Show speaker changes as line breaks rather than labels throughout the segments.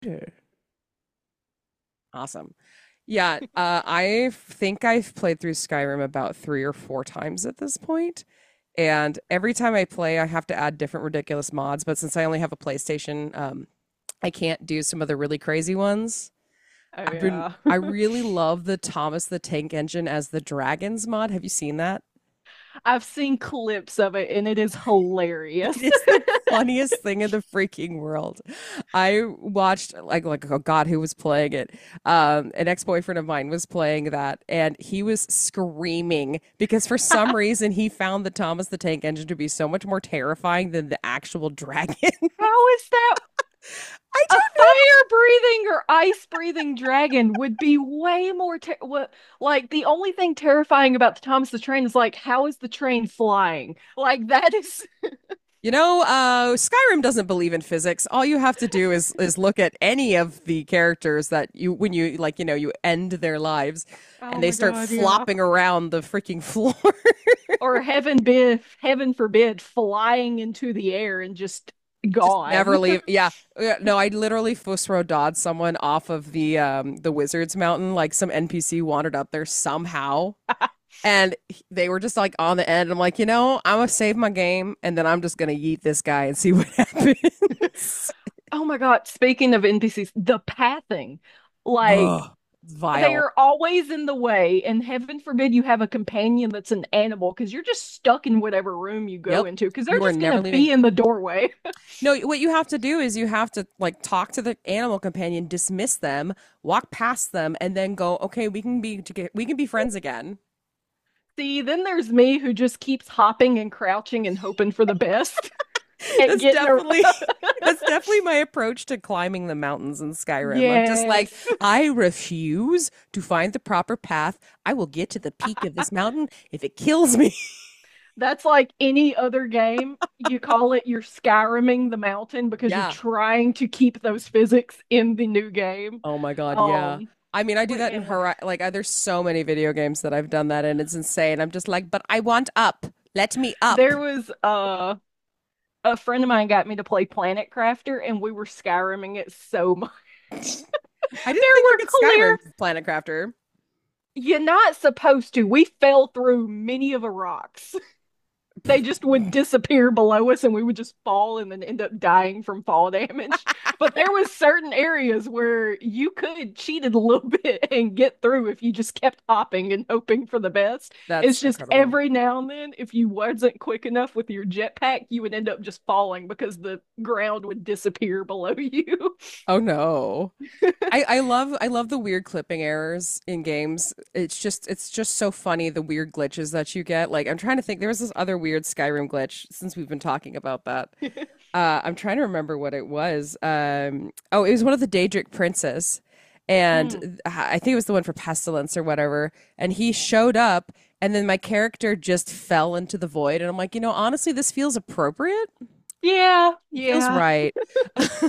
Computer. Awesome. Yeah, I think I've played through Skyrim about three or four times at this point, and every time I play, I have to add different ridiculous mods. But since I only have a PlayStation, I can't do some of the really crazy ones.
Oh yeah.
I really love the Thomas the Tank Engine as the Dragons mod. Have you seen that?
I've seen clips of it and it is
It
hilarious.
is the funniest thing in the freaking world. I watched like oh God, who was playing it? An ex boyfriend of mine was playing that, and he was screaming because for some reason he found the Thomas the Tank Engine to be so much more terrifying than the actual dragon.
How is that
I
a
don't,
fire-breathing or ice-breathing dragon would be way more what, like the only thing terrifying about the Thomas the Train is like how is the train flying? Like that is
you know, Skyrim doesn't believe in physics. All you have to do is look at any of the characters that you when you like you know you end their lives, and
Oh
they
my
start
God, yeah.
flopping around the freaking floor.
Or heaven forbid flying into the air and just
Just
gone.
never leave. Yeah. Yeah, no, I literally Fusro dodged someone off of the Wizards Mountain. Like some NPC wandered up there somehow. And they were just like on the end. I'm like, you know, I'm gonna save my game and then I'm just gonna yeet this guy and see what happens.
Oh my God, speaking of NPCs, the pathing. Like
Ugh.
they
Vile.
are always in the way and heaven forbid you have a companion that's an animal because you're just stuck in whatever room you go
Yep.
into because they're
You are
just gonna
never
be
leaving.
in the doorway.
No, what you have to do is you have to like talk to the animal companion, dismiss them, walk past them, and then go, okay, we can be friends again.
See, then there's me who just keeps hopping and crouching and hoping for the best at
That's
getting a.
definitely That's definitely my approach to climbing the mountains in Skyrim. I'm just like,
Yes.
I refuse to find the proper path. I will get to the peak of this mountain if it kills me.
That's like any other game, you call it you're skyriming the mountain because you're
Yeah.
trying to keep those physics in the new game.
Oh my God. Yeah.
um
I mean, I do
what
that in
game was
her. Like, there's so many video games that I've done that, and it's insane. I'm just like, but I want up. Let me up.
there? Was A friend of mine got me to play Planet Crafter, and we were skyrimming it so much.
I didn't
There
think you
were
could
clear.
Skyrim Planet Crafter.
You're not supposed to. We fell through many of the rocks. They just would disappear below us and we would just fall and then end up dying from fall damage. But there was certain areas where you could cheat it a little bit and get through if you just kept hopping and hoping for the best. It's
That's
just
incredible.
every now and then, if you wasn't quick enough with your jetpack, you would end up just falling because the ground would disappear below you.
Oh no. I, I love I love the weird clipping errors in games. It's just so funny the weird glitches that you get. Like I'm trying to think there was this other weird Skyrim glitch since we've been talking about that. I'm trying to remember what it was. Oh, it was one of the Daedric princes,
Mm.
and I think it was the one for Pestilence or whatever. And he showed up, and then my character just fell into the void. And I'm like, you know, honestly, this feels appropriate.
Yeah,
Feels
yeah,
right. That's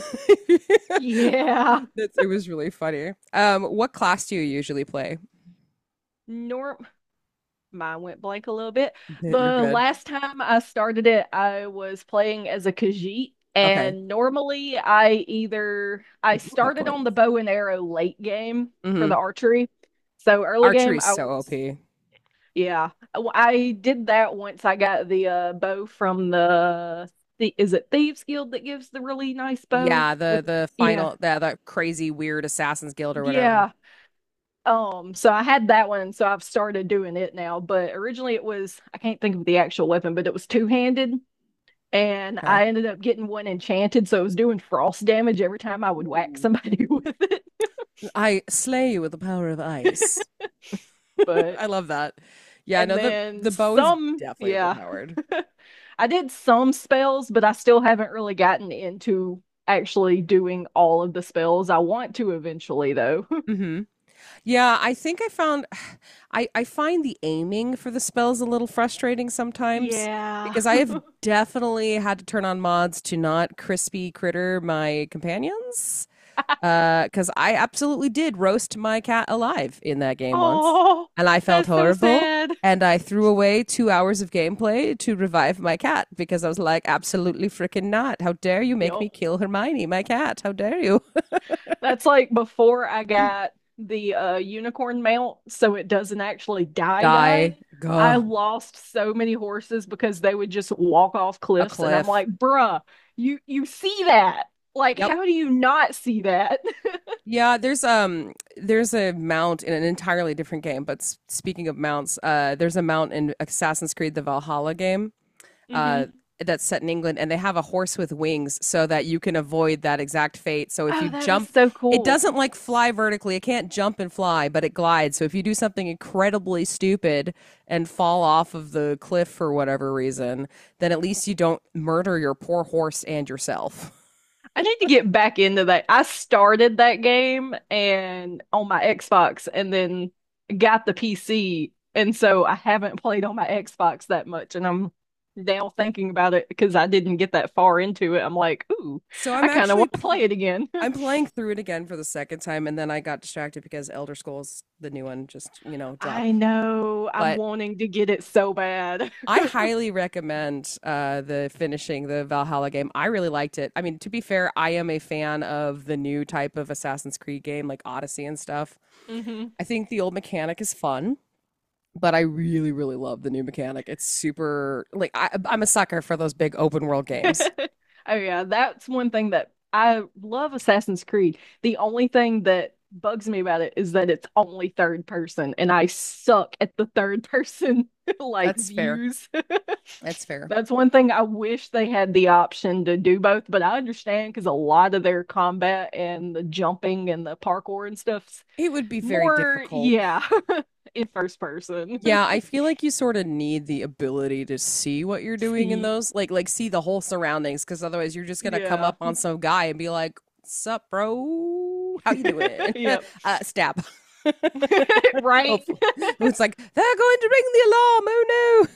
yeah.
It was really funny. What class do you usually play?
Norm Mine went blank a little bit.
You're
The
good.
last time I started it, I was playing as a Khajiit,
Okay.
and normally I
If you have
started on the
coins.
bow and arrow late game for the
Hmm
archery. So early
Archery
game,
is
I
so
was,
OP.
yeah, I did that once I got the bow from the is it Thieves Guild that gives the really nice bow
Yeah,
with?
the the
Yeah.
final the, the crazy weird assassins guild or whatever.
Yeah. So I had that one, so I've started doing it now. But originally it was, I can't think of the actual weapon, but it was two-handed. And
Okay.
I ended up getting one enchanted, so it was doing frost damage every time I would whack
Ooh.
somebody with it.
I slay you with the power of ice.
But
I love that. Yeah,
and
no,
then
the bow is
some,
definitely
yeah,
overpowered.
I did some spells, but I still haven't really gotten into actually doing all of the spells. I want to eventually, though.
Hmm Yeah, I think I found I find the aiming for the spells a little frustrating sometimes
Yeah.
because I have definitely had to turn on mods to not crispy critter my companions cuz I absolutely did roast my cat alive in that game once
Oh,
and I felt
that's so
horrible
sad.
and I threw away two hours of gameplay to revive my cat because I was like absolutely freaking not. How dare you make me
Yup.
kill Hermione, my cat? How dare you?
That's like before I got the unicorn mount, so it doesn't actually die die.
Die.
I
Gah.
lost so many horses because they would just walk off
A
cliffs, and I'm
cliff.
like, bruh, you see that? Like,
Yep.
how do you not see that?
Yeah, there's a mount in an entirely different game. But speaking of mounts, there's a mount in Assassin's Creed: The Valhalla game
Hmm.
uh, that's set in England, and they have a horse with wings so that you can avoid that exact fate. So if you
Oh, that is
jump,
so
it
cool.
doesn't like fly vertically. It can't jump and fly, but it glides. So if you do something incredibly stupid and fall off of the cliff for whatever reason, then at least you don't murder your poor horse and yourself.
I need to get back into that. I started that game and on my Xbox and then got the PC. And so I haven't played on my Xbox that much. And I'm now thinking about it because I didn't get that far into it. I'm like, ooh,
So
I
I'm
kind of
actually
want to play
pl-
it again.
I'm playing through it again for the second time, and then I got distracted because Elder Scrolls, the new one, just you know
I
dropped.
know, I'm
But
wanting to get it so bad.
I highly recommend the finishing the Valhalla game. I really liked it. I mean, to be fair, I am a fan of the new type of Assassin's Creed game, like Odyssey and stuff.
Hmm.
I think the old mechanic is fun, but I really, really love the new mechanic. It's super like I'm a sucker for those big open world games.
Oh yeah, that's one thing that I love Assassin's Creed. The only thing that bugs me about it is that it's only third person and I suck at the third person like
That's fair.
views.
That's fair.
That's one thing I wish they had the option to do both, but I understand because a lot of their combat and the jumping and the parkour and stuff's
It would be very
more,
difficult.
yeah, in first person.
Yeah, I feel like you sort of need the ability to see what you're doing in
See,
those, like see the whole surroundings, because otherwise you're just gonna come
yeah,
up on some guy and be like, "Sup, bro? How you doing?"
yep,
Stab.
right.
Hopefully, it's like they're going to ring the alarm. Oh no."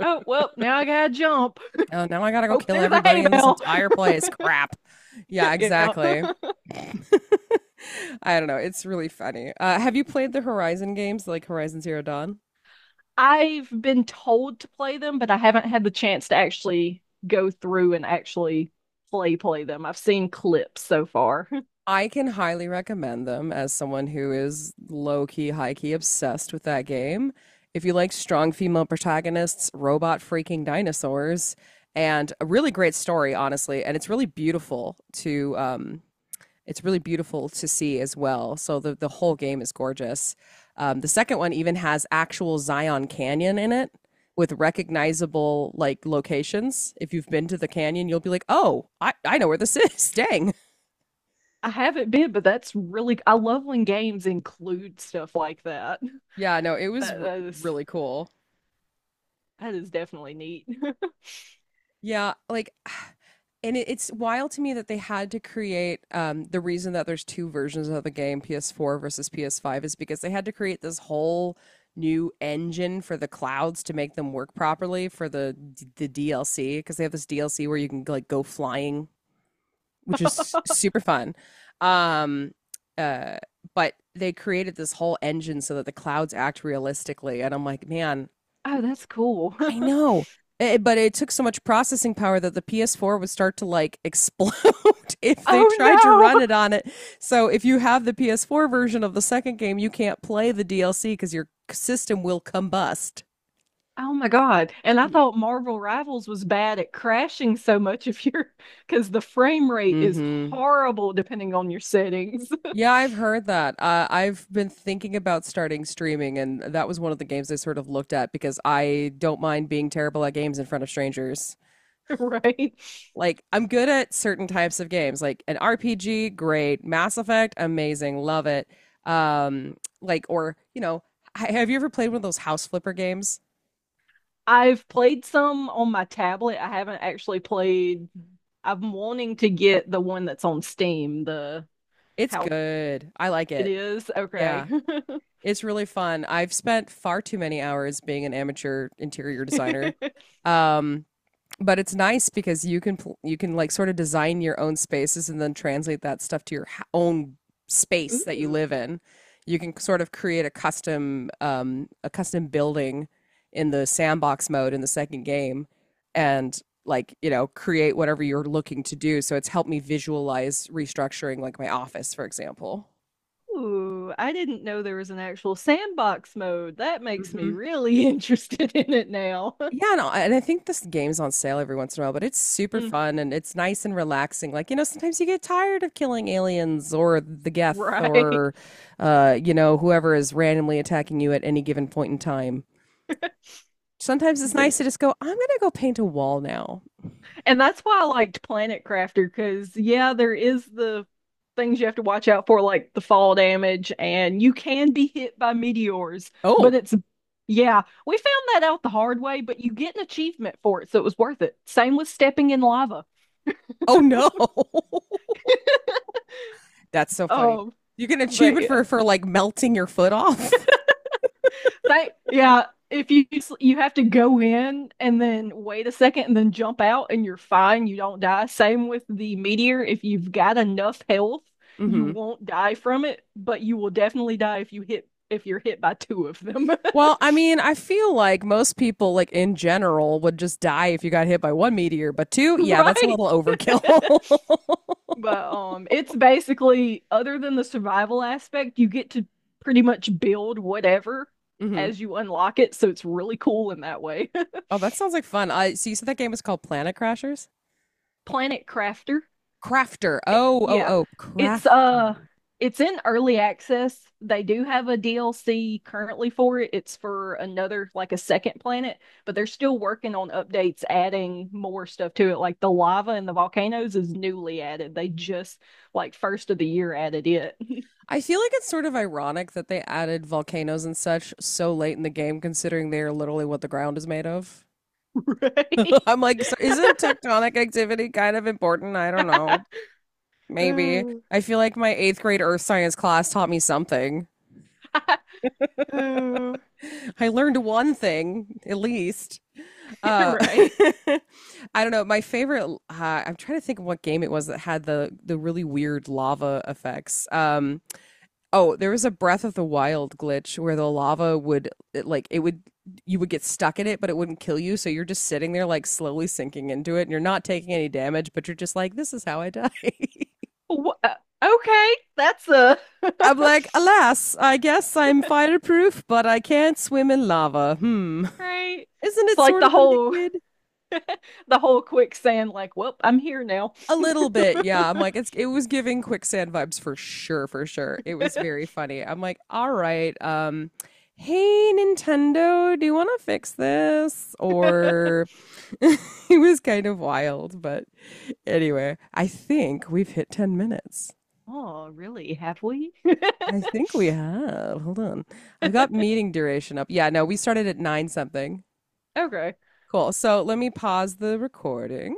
Oh, well, now I gotta jump.
Oh, now I gotta go
Hope
kill
there's a hay
everybody in this
bale.
entire place. Crap. Yeah,
You know,
exactly. I don't know. It's really funny. Have you played the Horizon games like Horizon Zero Dawn?
I've been told to play them, but I haven't had the chance to actually go through and actually play them. I've seen clips so far.
I can highly recommend them as someone who is low key, high key obsessed with that game. If you like strong female protagonists, robot freaking dinosaurs, and a really great story, honestly, and it's really beautiful to see as well. So the whole game is gorgeous. The second one even has actual Zion Canyon in it with recognizable like locations. If you've been to the canyon, you'll be like, "Oh, I know where this is." Dang.
I haven't been, but that's really, I love when games include stuff like that.
Yeah, no, it was
That,
r-
that is
really cool.
that is definitely neat.
Yeah, like and it's wild to me that they had to create the reason that there's two versions of the game, PS4 versus PS5 is because they had to create this whole new engine for the clouds to make them work properly for the DLC because they have this DLC where you can like go flying, which is
Oh,
super fun. Um uh but they created this whole engine so that the clouds act realistically and I'm like, man,
that's cool.
I know. But it took so much processing power that the PS4 would start to like explode if they
Oh
tried to run
no.
it on it. So if you have the PS4 version of the second game, you can't play the DLC because your system will combust.
Oh my God. And I
Yeah.
thought Marvel Rivals was bad at crashing so much if you're because the frame rate is
Mm-hmm.
horrible depending on your settings.
Yeah, I've heard that. I've been thinking about starting streaming, and that was one of the games I sort of looked at because I don't mind being terrible at games in front of strangers.
Right.
Like I'm good at certain types of games, like an RPG, great. Mass Effect, amazing, love it. Or you know, have you ever played one of those house flipper games?
I've played some on my tablet. I haven't actually played. I'm wanting to get the one that's on Steam, the
It's
how
good. I like
it
it.
is. Okay.
Yeah, it's really fun. I've spent far too many hours being an amateur interior designer. Um, but it's nice because you can like sort of design your own spaces and then translate that stuff to your own space that you live in. You can sort of create a custom building in the sandbox mode in the second game, and like you know create whatever you're looking to do. So it's helped me visualize restructuring like my office, for example.
Ooh, I didn't know there was an actual sandbox mode. That makes me
Mm-hmm.
really interested in it now.
Yeah, no, and I think this game's on sale every once in a while, but it's super
Mm,
fun and it's nice and relaxing. Like, you know, sometimes you get tired of killing aliens or the Geth
right.
or, you know, whoever is randomly attacking you at any given point in time. Sometimes it's nice to just go, I'm gonna go paint a wall now.
And that's why I liked Planet Crafter because, yeah, there is the things you have to watch out for, like the fall damage, and you can be hit by meteors,
Oh,
but it's, yeah, we found that out the hard way, but you get an achievement for it, so it was worth it. Same with stepping in lava.
oh no. That's so funny.
Um,
You get an
but
achievement
yeah.
for like melting your foot off.
Yeah, if you have to go in and then wait a second and then jump out and you're fine, you don't die. Same with the meteor. If you've got enough health, you
Hmm
won't die from it, but you will definitely die if you're hit by two of them.
Well, I mean, I feel like most people, like in general, would just die if you got hit by one meteor, but two, yeah, that's a
Right?
little overkill.
But it's basically other than the survival aspect, you get to pretty much build whatever
hmm
as you unlock it, so it's really cool in that way.
Oh, that sounds like fun. I see. So you said that game was called Planet Crashers?
Planet Crafter.
Crafter. Oh, oh,
Yeah,
oh,
it's uh
Crafter.
it's in early access. They do have a DLC currently for it. It's for another, like, a second planet, but they're still working on updates adding more stuff to it. Like the lava and the volcanoes is newly added. They just like first of the year added it.
I feel like it's sort of ironic that they added volcanoes and such so late in the game, considering they are literally what the ground is made of.
Right.
I'm like, so isn't tectonic activity kind of important? I don't know. Maybe.
Ooh.
I feel like my eighth grade earth science class taught me something.
Ooh.
I learned one thing, at least. Uh,
Right.
I don't know. I'm trying to think of what game it was that had the really weird lava effects. Oh, there was a Breath of the Wild glitch where the lava would, it, like, it would, you would get stuck in it, but it wouldn't kill you. So you're just sitting there, like, slowly sinking into it and you're not taking any damage, but you're just like, this is how I die.
Wha- uh, Okay, that's a.
I'm like, alas, I guess I'm fireproof, but I can't swim in lava. Hmm.
Right.
Isn't
It's
it
like
sort of a liquid?
the whole quicksand, like, well, I'm here now.
A little bit, yeah. I'm like, it was giving quicksand vibes for sure, for sure. It was very funny. I'm like, all right, hey Nintendo, do you want to fix this? Or it was kind of wild, but anyway, I think we've hit 10 minutes.
Oh, really? Have we?
I think we have. Hold on. I've got meeting duration up. Yeah, no, we started at nine something.
Okay.
Cool. So let me pause the recording.